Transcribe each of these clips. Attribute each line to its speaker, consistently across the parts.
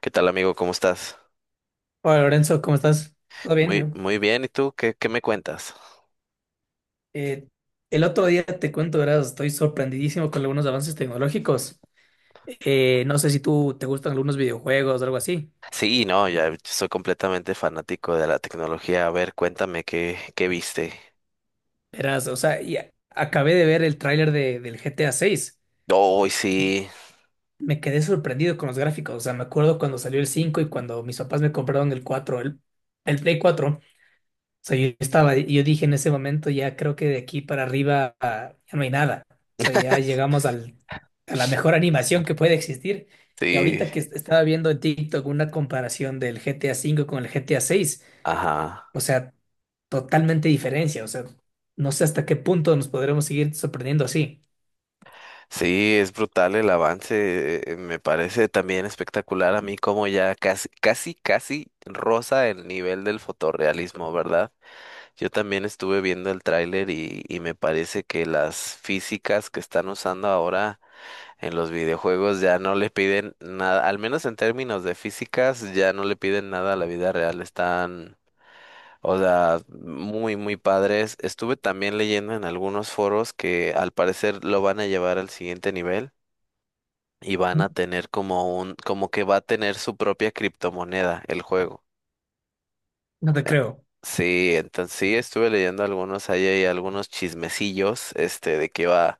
Speaker 1: ¿Qué tal, amigo? ¿Cómo estás?
Speaker 2: Hola Lorenzo, ¿cómo estás? ¿Todo bien?
Speaker 1: Muy,
Speaker 2: ¿Yo?
Speaker 1: muy bien. ¿Y tú qué me cuentas?
Speaker 2: Eh, el otro día te cuento, ¿verdad? Estoy sorprendidísimo con algunos avances tecnológicos. No sé si tú te gustan algunos videojuegos o algo así.
Speaker 1: Sí, no, ya soy completamente fanático de la tecnología. A ver, cuéntame qué viste.
Speaker 2: Verás, o sea, acabé de ver el tráiler del GTA VI.
Speaker 1: ¡Oh, sí!
Speaker 2: Me quedé sorprendido con los gráficos. O sea, me acuerdo cuando salió el 5 y cuando mis papás me compraron el 4, el Play 4. O sea, yo estaba, yo dije en ese momento, ya creo que de aquí para arriba, ah, ya no hay nada. O sea, ya llegamos a la mejor animación que puede existir. Y
Speaker 1: Sí,
Speaker 2: ahorita que estaba viendo en TikTok una comparación del GTA V con el GTA VI,
Speaker 1: ajá.
Speaker 2: o sea, totalmente diferencia. O sea, no sé hasta qué punto nos podremos seguir sorprendiendo así.
Speaker 1: Sí, es brutal el avance. Me parece también espectacular a mí como ya casi roza el nivel del fotorrealismo, ¿verdad? Yo también estuve viendo el tráiler y me parece que las físicas que están usando ahora en los videojuegos ya no le piden nada, al menos en términos de físicas, ya no le piden nada a la vida real. Están, o sea, muy padres. Estuve también leyendo en algunos foros que al parecer lo van a llevar al siguiente nivel y van a tener como un, como que va a tener su propia criptomoneda el juego.
Speaker 2: No te creo.
Speaker 1: Sí, entonces sí estuve leyendo algunos, ahí hay algunos chismecillos, este, de que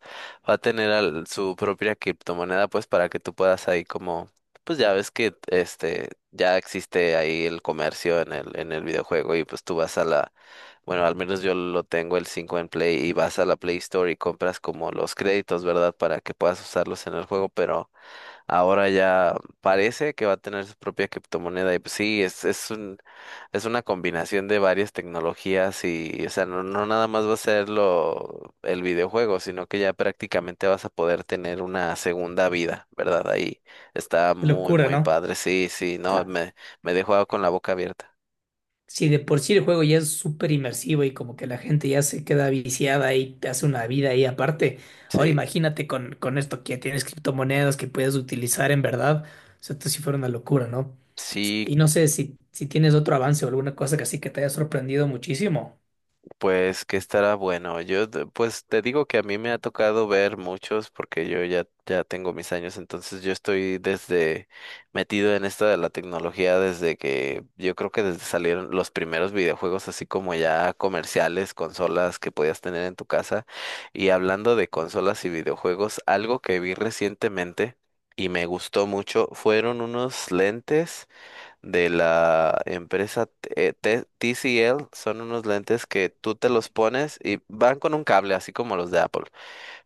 Speaker 1: va a tener su propia criptomoneda, pues, para que tú puedas ahí como, pues ya ves que este ya existe ahí el comercio en el videojuego, y pues tú vas a la, bueno, al menos yo lo tengo el 5 en Play, y vas a la Play Store y compras como los créditos, ¿verdad? Para que puedas usarlos en el juego. Pero ahora ya parece que va a tener su propia criptomoneda y pues sí, es un, es una combinación de varias tecnologías y, o sea, no, no nada más va a ser lo, el videojuego, sino que ya prácticamente vas a poder tener una segunda vida, ¿verdad? Ahí está
Speaker 2: Qué
Speaker 1: muy,
Speaker 2: locura,
Speaker 1: muy
Speaker 2: ¿no?
Speaker 1: padre, sí, sí, no, me dejó con la boca abierta,
Speaker 2: Si de por sí el juego ya es súper inmersivo y como que la gente ya se queda viciada y te hace una vida ahí aparte, ahora
Speaker 1: sí.
Speaker 2: imagínate con esto que tienes criptomonedas que puedes utilizar en verdad, o sea, esto sí fuera una locura, ¿no?
Speaker 1: Sí,
Speaker 2: Y no sé si tienes otro avance o alguna cosa que así que te haya sorprendido muchísimo.
Speaker 1: pues que estará bueno. Pues te digo que a mí me ha tocado ver muchos porque yo ya tengo mis años, entonces yo estoy desde, metido en esto de la tecnología desde que yo creo que desde salieron los primeros videojuegos así como ya comerciales, consolas que podías tener en tu casa. Y hablando de consolas y videojuegos, algo que vi recientemente y me gustó mucho fueron unos lentes de la empresa TCL. Son unos lentes que tú te los pones y van con un cable, así como los de Apple.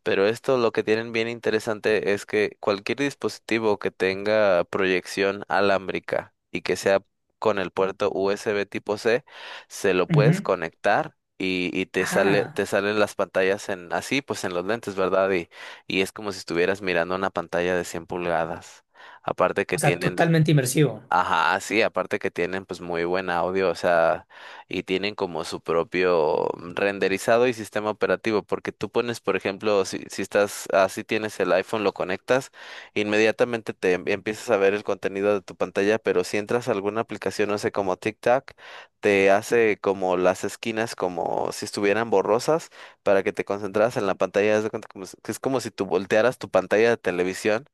Speaker 1: Pero esto lo que tienen bien interesante es que cualquier dispositivo que tenga proyección alámbrica y que sea con el puerto USB tipo C, se lo puedes
Speaker 2: Ujú.
Speaker 1: conectar. Y te sale,
Speaker 2: Ah,
Speaker 1: te salen las pantallas en así, pues en los lentes, ¿verdad? Y es como si estuvieras mirando una pantalla de 100 pulgadas. Aparte que
Speaker 2: o sea,
Speaker 1: tienen,
Speaker 2: totalmente inmersivo.
Speaker 1: ajá, sí, aparte que tienen pues muy buen audio, o sea, y tienen como su propio renderizado y sistema operativo, porque tú pones, por ejemplo, si estás, así tienes el iPhone, lo conectas, inmediatamente te empiezas a ver el contenido de tu pantalla, pero si entras a alguna aplicación, no sé, como TikTok, te hace como las esquinas como si estuvieran borrosas para que te concentras en la pantalla, haz de cuenta como si- que es como si tú voltearas tu pantalla de televisión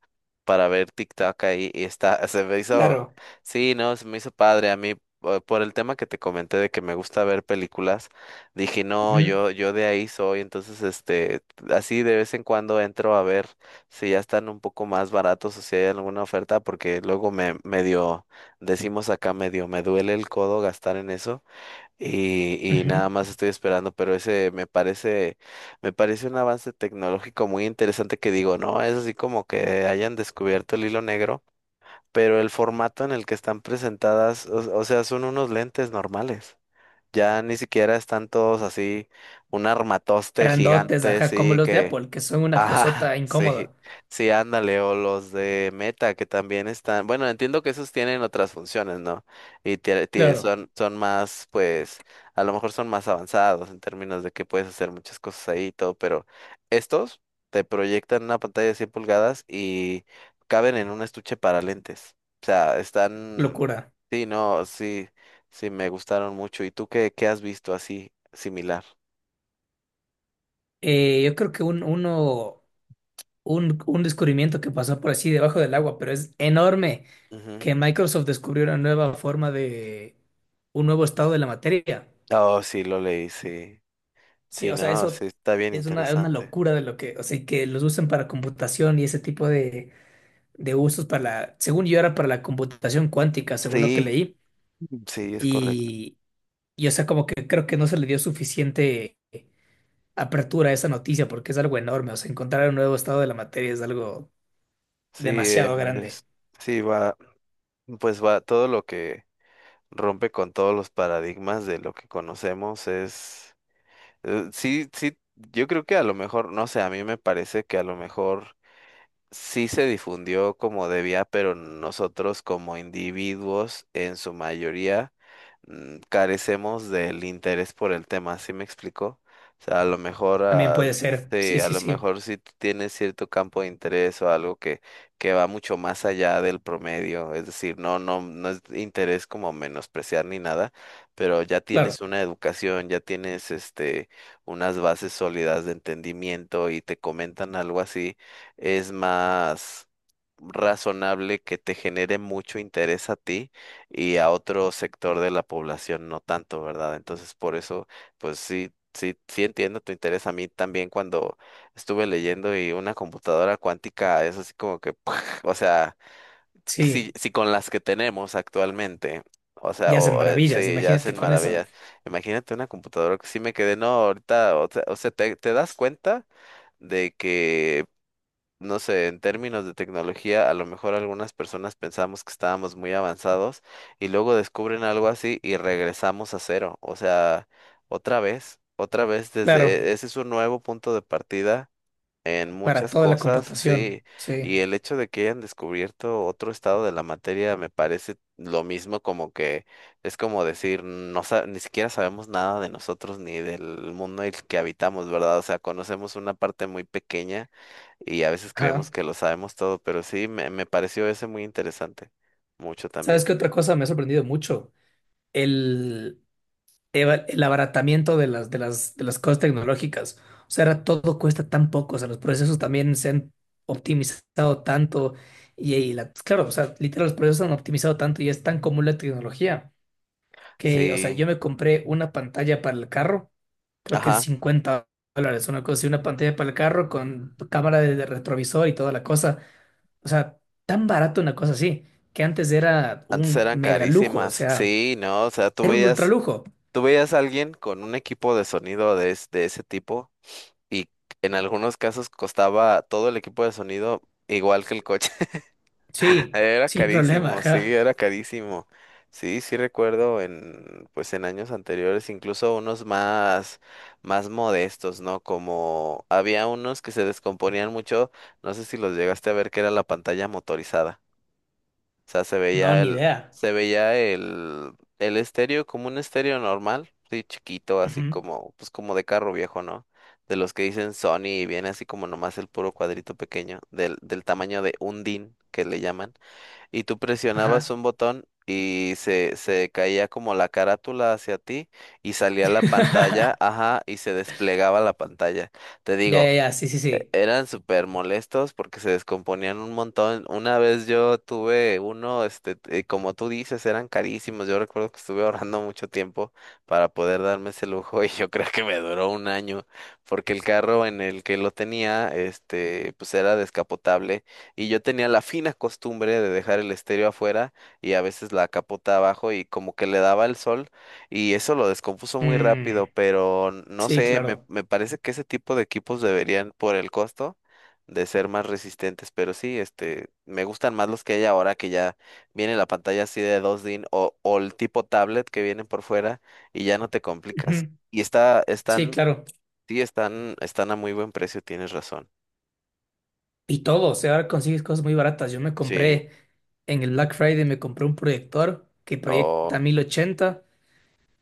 Speaker 1: para ver TikTok ahí. Y está, se me
Speaker 2: Claro.
Speaker 1: hizo, sí, no, se me hizo padre a mí por el tema que te comenté de que me gusta ver películas, dije, no,
Speaker 2: Ujú,
Speaker 1: yo de ahí soy. Entonces, este, así de vez en cuando entro a ver si ya están un poco más baratos o si hay alguna oferta, porque luego me medio, decimos acá, medio me duele el codo gastar en eso. Y nada
Speaker 2: ujú.
Speaker 1: más estoy esperando, pero ese me parece un avance tecnológico muy interesante, que digo, no, es así como que hayan descubierto el hilo negro, pero el formato en el que están presentadas, o sea, son unos lentes normales. Ya ni siquiera están todos así, un armatoste
Speaker 2: Grandotes,
Speaker 1: gigante,
Speaker 2: ajá, como
Speaker 1: sí,
Speaker 2: los de
Speaker 1: que
Speaker 2: Apple, que son una
Speaker 1: ajá.
Speaker 2: cosota
Speaker 1: Sí,
Speaker 2: incómoda.
Speaker 1: sí, ándale, o los de Meta que también están, bueno, entiendo que esos tienen otras funciones, ¿no? Y
Speaker 2: Claro,
Speaker 1: son más, pues, a lo mejor son más avanzados en términos de que puedes hacer muchas cosas ahí y todo, pero estos te proyectan una pantalla de 100 pulgadas y caben en un estuche para lentes. O sea, están,
Speaker 2: locura.
Speaker 1: sí, no, sí, sí, me gustaron mucho. ¿Y tú qué has visto así, similar?
Speaker 2: Yo creo que un descubrimiento que pasó por así debajo del agua, pero es enorme
Speaker 1: Ujú.
Speaker 2: que Microsoft descubrió una nueva forma de un nuevo estado de la materia.
Speaker 1: Oh, sí, lo leí, sí.
Speaker 2: Sí,
Speaker 1: Sí,
Speaker 2: o sea,
Speaker 1: no, sí,
Speaker 2: eso
Speaker 1: está bien
Speaker 2: es una
Speaker 1: interesante.
Speaker 2: locura de lo que, o sea, que los usan para computación y ese tipo de usos para la, según yo era para la computación cuántica, según lo que
Speaker 1: Sí,
Speaker 2: leí,
Speaker 1: sí, es correcto.
Speaker 2: y, y, o sea, como que creo que no se le dio suficiente apertura a esa noticia porque es algo enorme, o sea, encontrar un nuevo estado de la materia es algo
Speaker 1: Sí,
Speaker 2: demasiado grande.
Speaker 1: es- sí, va, pues va, todo lo que rompe con todos los paradigmas de lo que conocemos es, sí, sí, yo creo que a lo mejor, no sé, a mí me parece que a lo mejor sí se difundió como debía, pero nosotros como individuos en su mayoría, carecemos del interés por el tema, ¿sí me explico? O sea, a lo mejor,
Speaker 2: También
Speaker 1: ah,
Speaker 2: puede ser,
Speaker 1: sí,
Speaker 2: sí,
Speaker 1: a
Speaker 2: sí,
Speaker 1: lo
Speaker 2: sí.
Speaker 1: mejor si tú tienes cierto campo de interés o algo que va mucho más allá del promedio, es decir, no, no, no es interés como menospreciar ni nada, pero ya
Speaker 2: Claro,
Speaker 1: tienes una educación, ya tienes este, unas bases sólidas de entendimiento, y te comentan algo así, es más razonable que te genere mucho interés a ti y a otro sector de la población no tanto, ¿verdad? Entonces, por eso, pues sí, sí, sí entiendo tu interés. A mí también cuando estuve leyendo, y una computadora cuántica es así como que, o sea,
Speaker 2: sí,
Speaker 1: si con las que tenemos actualmente, o sea,
Speaker 2: ya hacen maravillas,
Speaker 1: sí, ya
Speaker 2: imagínate
Speaker 1: hacen
Speaker 2: con eso.
Speaker 1: maravillas. Imagínate una computadora, que sí me quedé, no, ahorita, o sea, te das cuenta de que, no sé, en términos de tecnología, a lo mejor algunas personas pensamos que estábamos muy avanzados y luego descubren algo así y regresamos a cero. O sea, otra vez
Speaker 2: Claro,
Speaker 1: desde, ese es un nuevo punto de partida en
Speaker 2: para
Speaker 1: muchas
Speaker 2: toda la
Speaker 1: cosas, sí.
Speaker 2: computación,
Speaker 1: Y
Speaker 2: sí.
Speaker 1: el hecho de que hayan descubierto otro estado de la materia me parece lo mismo, como que es como decir, ni siquiera sabemos nada de nosotros ni del mundo en el que habitamos, ¿verdad? O sea, conocemos una parte muy pequeña y a veces
Speaker 2: Ajá.
Speaker 1: creemos que lo sabemos todo, pero sí, me pareció ese muy interesante, mucho también.
Speaker 2: ¿Sabes qué otra cosa me ha sorprendido mucho? El, el abaratamiento de las cosas tecnológicas. O sea, ahora todo cuesta tan poco, o sea, los procesos también se han optimizado tanto claro, o sea, literal, los procesos se han optimizado tanto y es tan común la tecnología. O sea,
Speaker 1: Sí,
Speaker 2: yo me compré una pantalla para el carro, creo que en
Speaker 1: ajá,
Speaker 2: $50, una cosa, así, una pantalla para el carro con cámara de retrovisor y toda la cosa. O sea, tan barato una cosa así, que antes era
Speaker 1: antes
Speaker 2: un
Speaker 1: eran
Speaker 2: mega lujo, o
Speaker 1: carísimas,
Speaker 2: sea,
Speaker 1: sí, no, o sea,
Speaker 2: era un ultra lujo.
Speaker 1: tú veías a alguien con un equipo de sonido de, de ese tipo y en algunos casos costaba todo el equipo de sonido igual que el coche.
Speaker 2: Sí, sin problema, ajá.
Speaker 1: Era carísimo. Sí, sí recuerdo en, pues en años anteriores, incluso unos más, más modestos, ¿no? Como había unos que se descomponían mucho, no sé si los llegaste a ver, que era la pantalla motorizada. O sea,
Speaker 2: No, ni idea.
Speaker 1: se veía el estéreo como un estéreo normal, sí, chiquito,
Speaker 2: Ujú,
Speaker 1: así como, pues como de carro viejo, ¿no? De los que dicen Sony y viene así como nomás el puro cuadrito pequeño, del tamaño de un DIN que le llaman, y tú presionabas
Speaker 2: ajá.
Speaker 1: un botón y se caía como la carátula hacia ti y salía la pantalla, ajá, y se desplegaba la pantalla. Te
Speaker 2: Ya, ya,
Speaker 1: digo,
Speaker 2: ya, sí, sí, sí.
Speaker 1: eran súper molestos porque se descomponían un montón. Una vez yo tuve uno, este, como tú dices, eran carísimos. Yo recuerdo que estuve ahorrando mucho tiempo para poder darme ese lujo, y yo creo que me duró 1 año porque el carro en el que lo tenía, este, pues era descapotable y yo tenía la fina costumbre de dejar el estéreo afuera, y a veces la capota abajo, y como que le daba el sol. Y eso lo descompuso muy
Speaker 2: Mm,
Speaker 1: rápido, pero no
Speaker 2: sí,
Speaker 1: sé,
Speaker 2: claro.
Speaker 1: me parece que ese tipo de equipos deberían, por el costo, de ser más resistentes. Pero sí, este, me gustan más los que hay ahora, que ya viene la pantalla así de 2 DIN o el tipo tablet que vienen por fuera y ya no te complicas.
Speaker 2: Ujú,
Speaker 1: Y está,
Speaker 2: sí,
Speaker 1: están,
Speaker 2: claro.
Speaker 1: sí, están, están a muy buen precio, tienes razón.
Speaker 2: Y todo, o sea, ahora consigues cosas muy baratas. Yo me
Speaker 1: Sí.
Speaker 2: compré en el Black Friday, me compré un proyector que
Speaker 1: Oh,
Speaker 2: proyecta 1080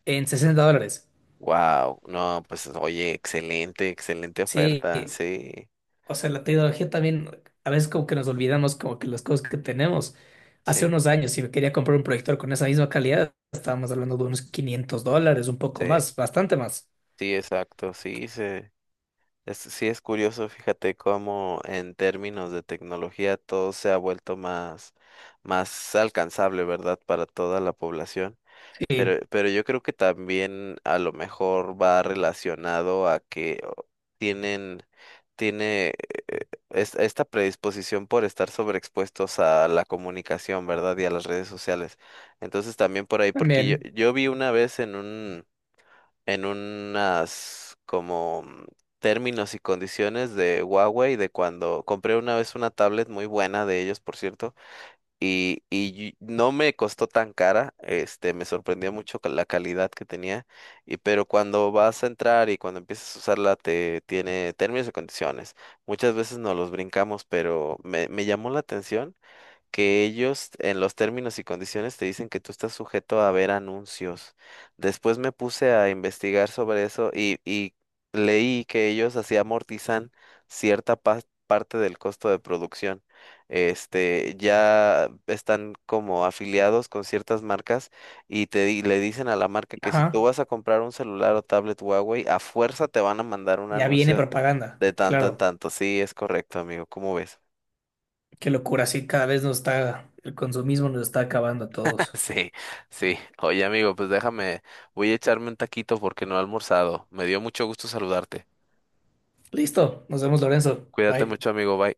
Speaker 2: en $60.
Speaker 1: wow. No, pues oye, excelente, excelente
Speaker 2: Sí,
Speaker 1: oferta. Sí,
Speaker 2: o sea, la tecnología también, a veces como que nos olvidamos como que las cosas que tenemos. Hace
Speaker 1: sí,
Speaker 2: unos años, si me quería comprar un proyector con esa misma calidad, estábamos hablando de unos $500, un poco
Speaker 1: sí.
Speaker 2: más, bastante más.
Speaker 1: Sí, exacto, sí, sí. Es, sí es curioso, fíjate cómo en términos de tecnología todo se ha vuelto más, más alcanzable, ¿verdad? Para toda la población.
Speaker 2: Sí,
Speaker 1: Pero yo creo que también a lo mejor va relacionado a que o, tienen, tiene esta predisposición por estar sobreexpuestos a la comunicación, ¿verdad? Y a las redes sociales. Entonces también por ahí, porque
Speaker 2: también.
Speaker 1: yo vi una vez en un, en unas como, términos y condiciones de Huawei de cuando compré una vez una tablet muy buena de ellos, por cierto, y no me costó tan cara, este, me sorprendió mucho con la calidad que tenía, y pero cuando vas a entrar y cuando empiezas a usarla te tiene términos y condiciones. Muchas veces nos los brincamos, pero me llamó la atención que ellos en los términos y condiciones te dicen que tú estás sujeto a ver anuncios. Después me puse a investigar sobre eso y leí que ellos así amortizan cierta parte del costo de producción. Este, ya están como afiliados con ciertas marcas y le dicen a la marca que si tú
Speaker 2: Ajá,
Speaker 1: vas a comprar un celular o tablet Huawei, a fuerza te van a mandar un
Speaker 2: ya viene
Speaker 1: anuncio
Speaker 2: propaganda,
Speaker 1: de tanto en
Speaker 2: claro.
Speaker 1: tanto. Sí, es correcto, amigo. ¿Cómo ves?
Speaker 2: Qué locura, sí, cada vez nos está, el consumismo nos está acabando a todos.
Speaker 1: Sí, sí. Oye, amigo, pues déjame, voy a echarme un taquito porque no he almorzado. Me dio mucho gusto saludarte.
Speaker 2: Listo, nos vemos, Lorenzo.
Speaker 1: Cuídate mucho,
Speaker 2: Bye.
Speaker 1: amigo. Bye.